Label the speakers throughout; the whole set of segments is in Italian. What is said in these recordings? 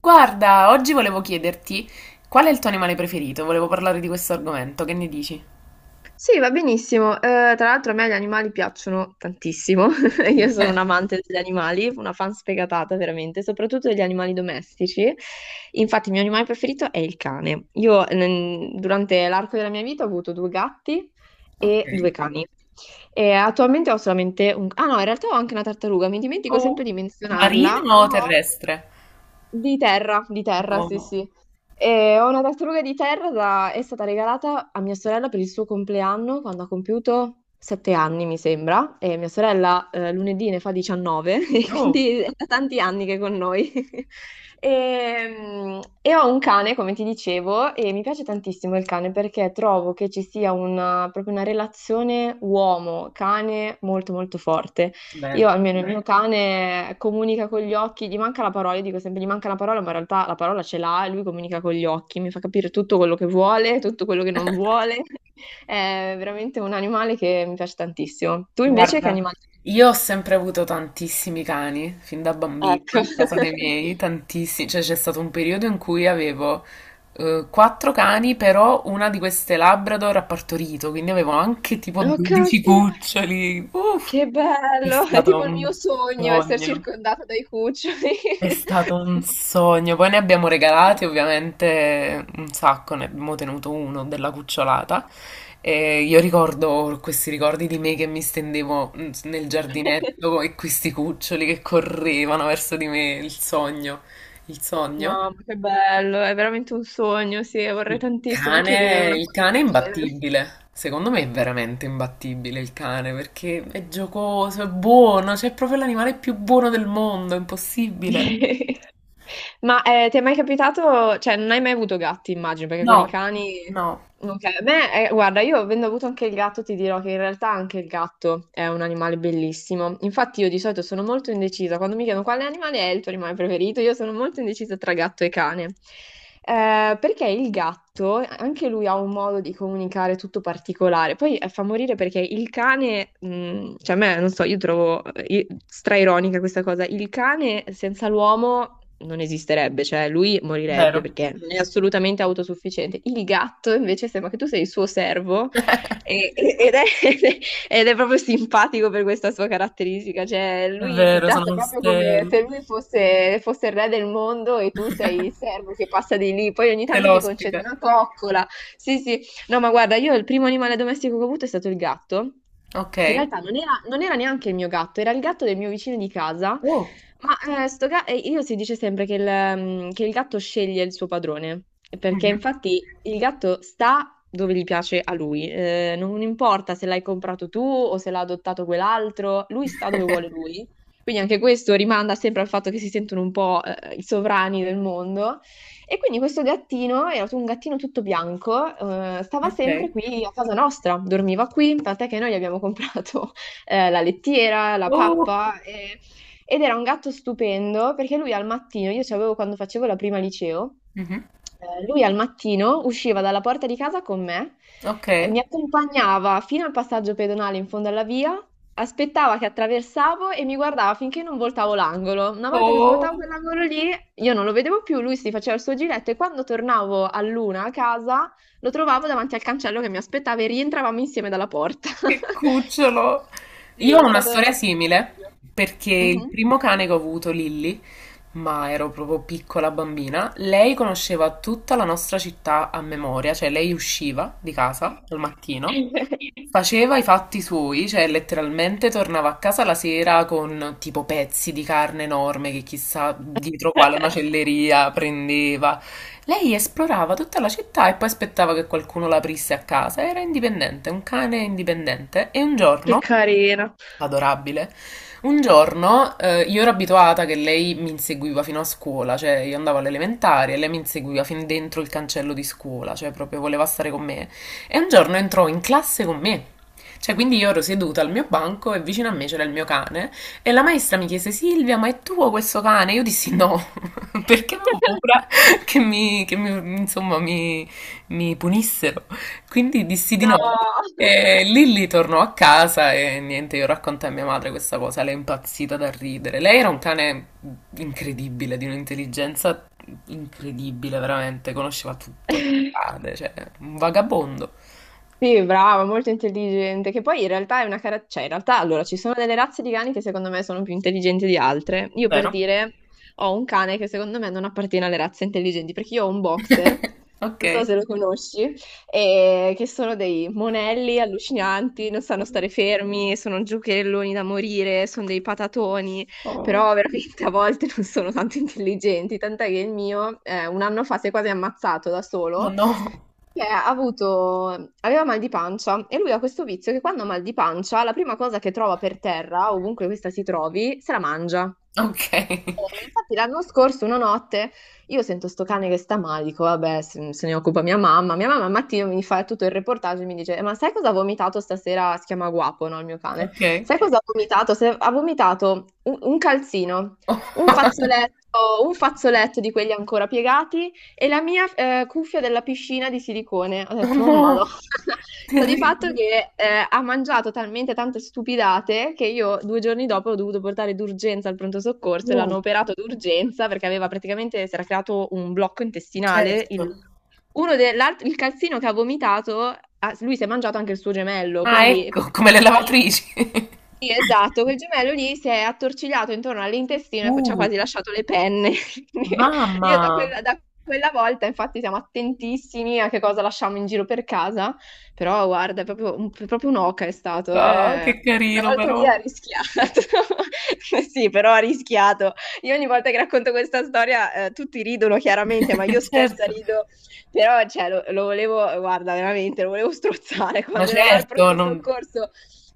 Speaker 1: Guarda, oggi volevo chiederti qual è il tuo animale preferito? Volevo parlare di questo argomento, che ne dici?
Speaker 2: Sì, va benissimo. Tra l'altro a me gli animali piacciono tantissimo. Io sono un amante degli animali, una fan sfegatata veramente, soprattutto degli animali domestici. Infatti il mio animale preferito è il cane. Io durante l'arco della mia vita ho avuto due gatti
Speaker 1: Ok.
Speaker 2: e due cani. E attualmente ho solamente un. Ah no, in realtà ho anche una tartaruga, mi dimentico
Speaker 1: Oh,
Speaker 2: sempre di menzionarla,
Speaker 1: marino
Speaker 2: ma
Speaker 1: o
Speaker 2: ho
Speaker 1: terrestre?
Speaker 2: di terra, sì,
Speaker 1: No,
Speaker 2: sì. E ho una tartaruga di terra, è stata regalata a mia sorella per il suo compleanno quando ha compiuto 7 anni, mi sembra, e mia sorella lunedì ne fa 19, e
Speaker 1: no,
Speaker 2: quindi è da tanti anni che è con noi. E ho un cane, come ti dicevo, e mi piace tantissimo il cane perché trovo che ci sia una, proprio una relazione uomo-cane molto molto forte. Io
Speaker 1: vero.
Speaker 2: almeno il mio, beh, cane comunica con gli occhi, gli manca la parola, io dico sempre gli manca la parola, ma in realtà la parola ce l'ha e lui comunica con gli occhi, mi fa capire tutto quello che vuole, tutto quello che non vuole. È veramente un animale che mi piace tantissimo. Tu invece che
Speaker 1: Guarda,
Speaker 2: animale?
Speaker 1: io ho sempre avuto tantissimi cani, fin da bambina,
Speaker 2: Ecco.
Speaker 1: a casa dei miei, tantissimi, cioè c'è stato un periodo in cui avevo quattro cani, però una di queste Labrador ha partorito, quindi avevo anche tipo
Speaker 2: Oh,
Speaker 1: 12
Speaker 2: caspita,
Speaker 1: cuccioli, uff,
Speaker 2: che
Speaker 1: è
Speaker 2: bello! È
Speaker 1: stato
Speaker 2: tipo il
Speaker 1: un
Speaker 2: mio sogno essere
Speaker 1: sogno.
Speaker 2: circondata dai cuccioli.
Speaker 1: È stato un sogno. Poi ne abbiamo regalati ovviamente un sacco, ne abbiamo tenuto uno della cucciolata. E io ricordo questi ricordi di me che mi stendevo nel giardinetto e questi cuccioli che correvano verso di me. Il sogno, il sogno.
Speaker 2: Mamma, che bello, è veramente un sogno, sì, vorrei tantissimo anche io vivere una
Speaker 1: Il
Speaker 2: cosa del
Speaker 1: cane è
Speaker 2: genere.
Speaker 1: imbattibile. Secondo me è veramente imbattibile il cane perché è giocoso, è buono, cioè è proprio l'animale più buono del mondo, è impossibile.
Speaker 2: Ma ti è mai capitato, cioè non hai mai avuto gatti, immagino, perché con i
Speaker 1: No,
Speaker 2: cani.
Speaker 1: no.
Speaker 2: Ok, beh, guarda, io avendo avuto anche il gatto ti dirò che in realtà anche il gatto è un animale bellissimo. Infatti io di solito sono molto indecisa, quando mi chiedono quale animale è il tuo animale preferito, io sono molto indecisa tra gatto e cane. Perché il gatto, anche lui ha un modo di comunicare tutto particolare. Poi fa morire perché il cane, cioè a me, non so, io trovo straironica questa cosa, il cane senza l'uomo non esisterebbe, cioè lui morirebbe
Speaker 1: Vero,
Speaker 2: perché non è assolutamente autosufficiente. Il gatto invece sembra che tu sei il suo servo ed è, ed è proprio simpatico per questa sua caratteristica, cioè
Speaker 1: è
Speaker 2: lui ti
Speaker 1: vero, sono
Speaker 2: tratta proprio
Speaker 1: queste
Speaker 2: come se lui fosse, fosse il re del mondo e tu
Speaker 1: queste
Speaker 2: sei il servo che passa di lì, poi ogni tanto ti concede
Speaker 1: l'ospite.
Speaker 2: una coccola, sì sì. No, ma guarda, io il primo animale domestico che ho avuto è stato il gatto,
Speaker 1: Ok.
Speaker 2: che in realtà non era, non era neanche il mio gatto, era il gatto del mio vicino di casa,
Speaker 1: Oh.
Speaker 2: ma e io si dice sempre che il gatto sceglie il suo padrone, perché
Speaker 1: Mhm.
Speaker 2: infatti il gatto sta dove gli piace a lui, non importa se l'hai comprato tu o se l'ha adottato quell'altro, lui sta dove vuole lui. Quindi anche questo rimanda sempre al fatto che si sentono un po', i sovrani del mondo. E quindi questo gattino, era un gattino tutto bianco, stava
Speaker 1: Ok.
Speaker 2: sempre qui a casa nostra, dormiva qui, tant'è che noi gli abbiamo comprato la lettiera, la
Speaker 1: Oh.
Speaker 2: pappa, ed era un gatto stupendo perché lui al mattino, io ce l'avevo quando facevo la prima liceo,
Speaker 1: Mhm.
Speaker 2: lui al mattino usciva dalla porta di casa con me,
Speaker 1: Ok.
Speaker 2: mi accompagnava fino al passaggio pedonale in fondo alla via, aspettava che attraversavo e mi guardava finché non voltavo l'angolo. Una volta che svoltavo
Speaker 1: Oh,
Speaker 2: quell'angolo lì, io non lo vedevo più, lui si faceva il suo giretto e quando tornavo a luna a casa lo trovavo davanti al cancello che mi aspettava e rientravamo insieme dalla porta.
Speaker 1: che cucciolo.
Speaker 2: Sì,
Speaker 1: Io ho una storia
Speaker 2: è
Speaker 1: simile
Speaker 2: bellissimo.
Speaker 1: perché il
Speaker 2: Mhm.
Speaker 1: primo cane che ho avuto, Lilly, ma ero proprio piccola bambina. Lei conosceva tutta la nostra città a memoria, cioè lei usciva di casa al mattino, faceva i fatti suoi, cioè letteralmente tornava a casa la sera con tipo pezzi di carne enorme che chissà dietro quale macelleria prendeva. Lei esplorava tutta la città e poi aspettava che qualcuno l'aprisse a casa. Era indipendente, un cane indipendente. E un
Speaker 2: Che
Speaker 1: giorno,
Speaker 2: carina.
Speaker 1: adorabile, un giorno io ero abituata che lei mi inseguiva fino a scuola, cioè io andavo all'elementare e lei mi inseguiva fin dentro il cancello di scuola, cioè proprio voleva stare con me. E un giorno entrò in classe con me. Cioè, quindi io ero seduta al mio banco e vicino a me c'era il mio cane e la maestra mi chiese Silvia, ma è tuo questo cane? Io dissi no, perché avevo paura che mi- insomma, mi punissero. Quindi dissi di
Speaker 2: No,
Speaker 1: no. E lì lì tornò a casa e niente, io raccontai a mia madre questa cosa, lei è impazzita da ridere. Lei era un cane incredibile, di un'intelligenza incredibile, veramente, conosceva tutto, le strade, cioè, un vagabondo,
Speaker 2: Sì, brava, molto intelligente, che poi in realtà è una caratteristica, cioè in realtà allora ci sono delle razze di cani che secondo me sono più intelligenti di altre. Io per
Speaker 1: vero?
Speaker 2: dire ho un cane che secondo me non appartiene alle razze intelligenti, perché io ho un boxer,
Speaker 1: Ok.
Speaker 2: non so se lo conosci, e che sono dei monelli allucinanti, non sanno stare fermi, sono giocherelloni da morire, sono dei patatoni,
Speaker 1: Oh,
Speaker 2: però veramente a volte non sono tanto intelligenti, tant'è che il mio un anno fa si è quasi ammazzato da
Speaker 1: oh
Speaker 2: solo
Speaker 1: no.
Speaker 2: che aveva mal di pancia e lui ha questo vizio che quando ha mal di pancia, la prima cosa che trova per terra, ovunque questa si trovi, se la mangia.
Speaker 1: Ok.
Speaker 2: E infatti l'anno scorso, una notte, io sento sto cane che sta male, dico vabbè, se ne occupa mia mamma. Mia mamma al mattino mi fa tutto il reportage e mi dice, Ma sai cosa ha vomitato stasera? Si chiama Guapo, no, il mio cane.
Speaker 1: Ok.
Speaker 2: Sai cosa ha vomitato? Ha vomitato un calzino, un fazzoletto di quelli ancora piegati e la mia cuffia della piscina di silicone. Ho
Speaker 1: Oh
Speaker 2: detto, oh
Speaker 1: no.
Speaker 2: madonna. Sta di fatto
Speaker 1: Terribile.
Speaker 2: che ha mangiato talmente tante stupidate che io 2 giorni dopo ho dovuto portare d'urgenza al pronto soccorso e
Speaker 1: No.
Speaker 2: l'hanno operato d'urgenza perché aveva praticamente, si era creato un blocco intestinale.
Speaker 1: Certo.
Speaker 2: Il, uno de- l'alt- Il calzino che ha vomitato, ah, lui si è mangiato anche il suo gemello,
Speaker 1: Ah,
Speaker 2: quindi.
Speaker 1: ecco, come le lavatrici.
Speaker 2: Sì, esatto, quel gemello lì si è attorcigliato intorno all'intestino e ci ha
Speaker 1: Uh,
Speaker 2: quasi lasciato le penne. Quindi
Speaker 1: mamma!
Speaker 2: io da quella volta, infatti, siamo attentissimi a che cosa lasciamo in giro per casa, però guarda, è proprio, proprio un'oca è stato.
Speaker 1: Ah, che
Speaker 2: Una
Speaker 1: carino
Speaker 2: volta lì
Speaker 1: però.
Speaker 2: ha rischiato. Sì, però ha rischiato. Io ogni volta che racconto questa storia, tutti ridono chiaramente, ma io stessa
Speaker 1: Certo.
Speaker 2: rido però cioè, lo volevo, guarda, veramente, lo volevo strozzare
Speaker 1: Ma
Speaker 2: quando ero là al
Speaker 1: certo,
Speaker 2: pronto
Speaker 1: non...
Speaker 2: soccorso.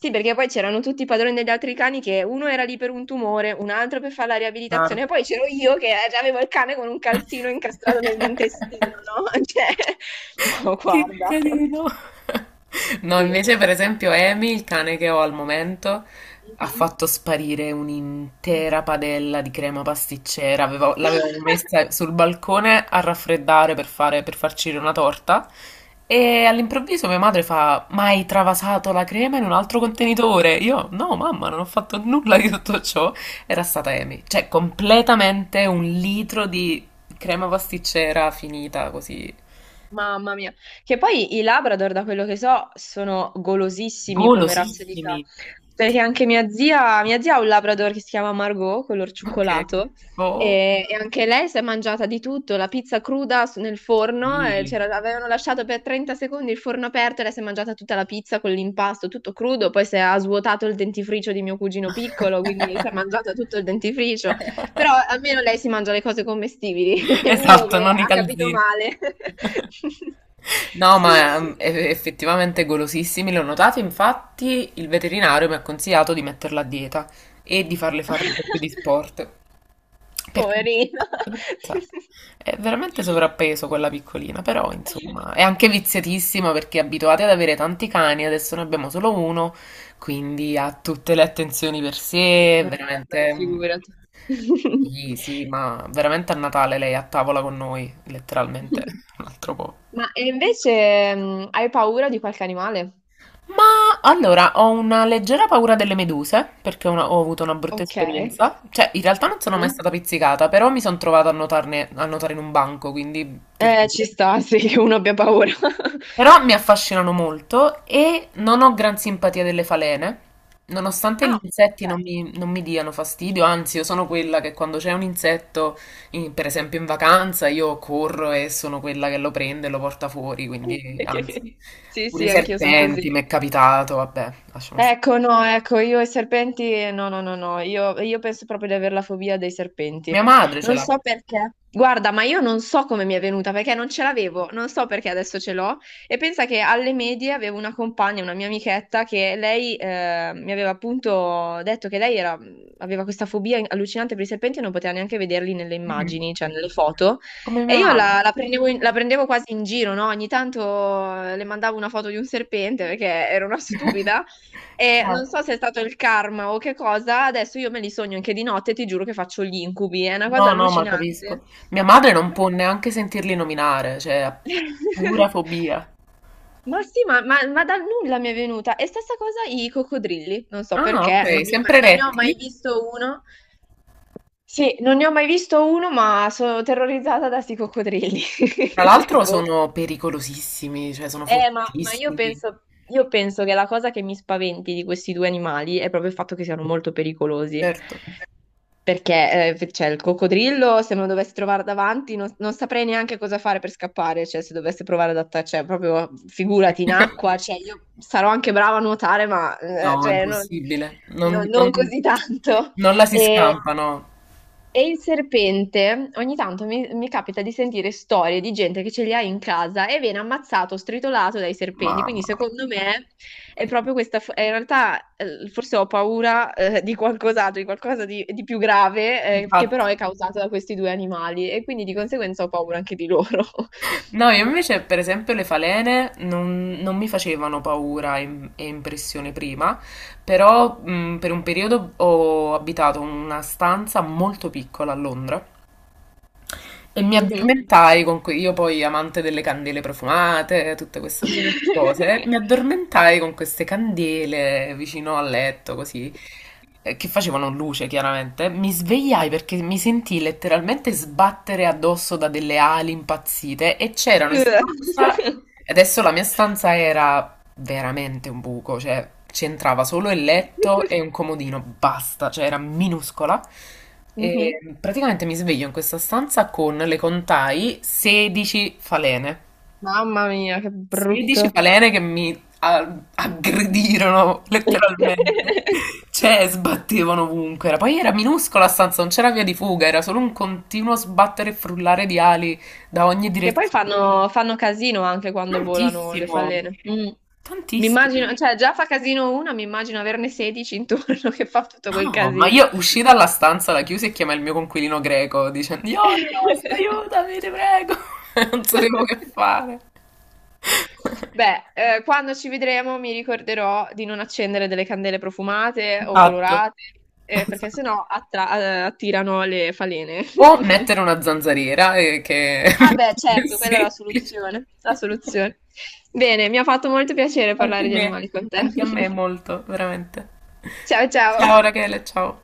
Speaker 2: Sì, perché poi c'erano tutti i padroni degli altri cani che uno era lì per un tumore, un altro per fare la
Speaker 1: Chiaro.
Speaker 2: riabilitazione, e poi c'ero io che già avevo il cane con un calzino incastrato nell'intestino, no? Cioè, no,
Speaker 1: Che
Speaker 2: guarda.
Speaker 1: carino. No,
Speaker 2: Sì.
Speaker 1: invece, per esempio, Amy, il cane che ho al momento, ha
Speaker 2: Mhm.
Speaker 1: fatto sparire un'intera padella di crema pasticcera. L'avevo messa sul balcone a raffreddare per fare, per farcire una torta. E all'improvviso mia madre fa: Ma hai travasato la crema in un altro contenitore? Io, no, mamma, non ho fatto nulla di tutto ciò. Era stata Amy. Cioè, completamente un litro di crema pasticcera finita così.
Speaker 2: Mamma mia, che poi i Labrador, da quello che so, sono golosissimi come razza di cane,
Speaker 1: Golosissime.
Speaker 2: perché anche mia zia ha un Labrador che si chiama Margot, color
Speaker 1: Ok.
Speaker 2: cioccolato,
Speaker 1: Boh.
Speaker 2: e anche lei si è mangiata di tutto, la pizza cruda nel forno, e
Speaker 1: Sì.
Speaker 2: avevano lasciato per 30 secondi il forno aperto e lei si è mangiata tutta la pizza con l'impasto, tutto crudo, poi si è ha svuotato il dentifricio di mio cugino piccolo, quindi si è mangiata tutto il dentifricio. Però almeno lei si mangia le cose commestibili, è il mio
Speaker 1: Esatto,
Speaker 2: che
Speaker 1: non i
Speaker 2: ha capito
Speaker 1: calzini.
Speaker 2: male.
Speaker 1: No,
Speaker 2: Sì,
Speaker 1: ma
Speaker 2: sì.
Speaker 1: effettivamente golosissimi, l'ho notato, infatti il veterinario mi ha consigliato di metterla a dieta e di farle fare un po' più di sport. Perché
Speaker 2: Poverino.
Speaker 1: è veramente sovrappeso quella piccolina, però insomma è anche viziatissima perché è abituata ad avere tanti cani, adesso ne abbiamo solo uno, quindi ha tutte le attenzioni per sé, è
Speaker 2: Beh,
Speaker 1: veramente... un-
Speaker 2: figurati.
Speaker 1: Sì, sì, ma veramente a Natale lei è a tavola con noi, letteralmente, un altro po'.
Speaker 2: Ma e invece hai paura di qualche animale?
Speaker 1: Ma allora ho una leggera paura delle meduse perché ho avuto una brutta
Speaker 2: Ok.
Speaker 1: esperienza. Cioè, in realtà non sono mai
Speaker 2: Mm?
Speaker 1: stata pizzicata, però mi sono trovata a a nuotare in un banco, quindi
Speaker 2: Ci
Speaker 1: terribile.
Speaker 2: sta, sì, che uno abbia paura.
Speaker 1: Però mi affascinano molto e non ho gran simpatia delle falene. Nonostante gli
Speaker 2: Ah, ok.
Speaker 1: insetti non mi diano fastidio, anzi, io sono quella che quando c'è un insetto, per esempio in vacanza, io corro e sono quella che lo prende e lo porta fuori, quindi anzi.
Speaker 2: Sì,
Speaker 1: Pure i
Speaker 2: sì, anch'io sono
Speaker 1: serpenti,
Speaker 2: così.
Speaker 1: mi è capitato, vabbè, lasciamo stare.
Speaker 2: Ecco, no, ecco, io e i serpenti, no, no, no, no, io penso proprio di avere la fobia dei serpenti.
Speaker 1: Mia madre ce
Speaker 2: Non
Speaker 1: l'ha.
Speaker 2: so perché. Guarda, ma io non so come mi è venuta, perché non ce l'avevo, non so perché adesso ce l'ho. E pensa che alle medie avevo una compagna, una mia amichetta, che lei mi aveva appunto detto che lei aveva questa fobia allucinante per i serpenti e non poteva neanche vederli nelle
Speaker 1: Mhm.
Speaker 2: immagini, cioè nelle foto.
Speaker 1: Come
Speaker 2: E
Speaker 1: mia
Speaker 2: io
Speaker 1: madre.
Speaker 2: la prendevo quasi in giro, no? Ogni tanto le mandavo una foto di un serpente perché ero una stupida. E non
Speaker 1: Chiaro.
Speaker 2: so se è stato il karma o che cosa, adesso io me li sogno anche di notte e ti giuro che faccio gli incubi, è una cosa
Speaker 1: No, no, ma
Speaker 2: allucinante.
Speaker 1: capisco. Mia madre non
Speaker 2: No.
Speaker 1: può neanche sentirli nominare, cioè ha pura fobia.
Speaker 2: Ma sì, ma dal nulla mi è venuta. E stessa cosa i coccodrilli, non so
Speaker 1: Ah,
Speaker 2: perché,
Speaker 1: ok, sempre
Speaker 2: non ne ho
Speaker 1: rettili.
Speaker 2: mai visto uno. Sì, non ne ho mai visto uno, ma sono terrorizzata da sti coccodrilli.
Speaker 1: Tra
Speaker 2: Cioè,
Speaker 1: l'altro
Speaker 2: boh.
Speaker 1: sono pericolosissimi, cioè sono
Speaker 2: Eh, ma, ma io
Speaker 1: fortissimi.
Speaker 2: penso, io penso che la cosa che mi spaventi di questi due animali è proprio il fatto che siano molto pericolosi.
Speaker 1: Certo.
Speaker 2: Perché, cioè, il coccodrillo, se me lo dovessi trovare davanti, non saprei neanche cosa fare per scappare, cioè, se dovesse provare ad attaccare, cioè, proprio, figurati, in acqua, cioè, io sarò anche brava a nuotare, ma,
Speaker 1: No, è
Speaker 2: cioè,
Speaker 1: impossibile.
Speaker 2: non così tanto.
Speaker 1: Non la si
Speaker 2: E,
Speaker 1: scampano.
Speaker 2: e il serpente, ogni tanto mi capita di sentire storie di gente che ce li ha in casa e viene ammazzato, stritolato dai serpenti. Quindi
Speaker 1: Mamma.
Speaker 2: secondo me è proprio questa. In realtà forse ho paura di qualcos'altro, di qualcosa di più grave che però
Speaker 1: Infatti.
Speaker 2: è causato da questi due animali e quindi di conseguenza ho paura anche di loro.
Speaker 1: No, io invece, per esempio, le falene non mi facevano paura e impressione prima, però per un periodo ho abitato in una stanza molto piccola a Londra e mi
Speaker 2: Mhm.
Speaker 1: addormentai con io poi amante delle candele profumate, tutto questo genere di cose, mi addormentai con queste candele vicino al letto, così, che facevano luce chiaramente. Mi svegliai perché mi sentii letteralmente sbattere addosso da delle ali impazzite e c'erano in stanza, e adesso la mia stanza era veramente un buco, cioè c'entrava solo il letto e un comodino, basta, cioè era minuscola.
Speaker 2: Mhm.
Speaker 1: E praticamente mi sveglio in questa stanza con, le contai, 16 falene.
Speaker 2: Mamma mia, che
Speaker 1: 16
Speaker 2: brutto.
Speaker 1: falene che mi aggredirono letteralmente. Cioè, sbattevano ovunque. Era- poi era minuscola la stanza, non c'era via di fuga, era solo un continuo sbattere e frullare di ali da ogni
Speaker 2: Che poi
Speaker 1: direzione.
Speaker 2: fanno casino anche quando volano le
Speaker 1: Tantissimo,
Speaker 2: falene. Mm. Mi
Speaker 1: tantissimo.
Speaker 2: immagino, cioè già fa casino una, mi immagino averne 16 intorno che fa tutto quel
Speaker 1: No, ma
Speaker 2: casino.
Speaker 1: io uscì dalla stanza, la chiusi e chiamai il mio conquilino greco dicendo: Yorgos, aiutami, ti prego. Non sapevo che fare.
Speaker 2: Beh, quando ci vedremo mi ricorderò di non accendere delle candele profumate o
Speaker 1: Esatto.
Speaker 2: colorate, perché
Speaker 1: Esatto.
Speaker 2: sennò attirano le falene.
Speaker 1: O mettere una zanzariera, che è
Speaker 2: Ah beh,
Speaker 1: molto più
Speaker 2: certo, quella è la
Speaker 1: semplice.
Speaker 2: soluzione, la soluzione. Bene, mi ha fatto molto piacere
Speaker 1: Anche a
Speaker 2: parlare di
Speaker 1: me,
Speaker 2: animali con te.
Speaker 1: anche a me molto, veramente.
Speaker 2: Ciao ciao.
Speaker 1: Ciao Rachele, ciao.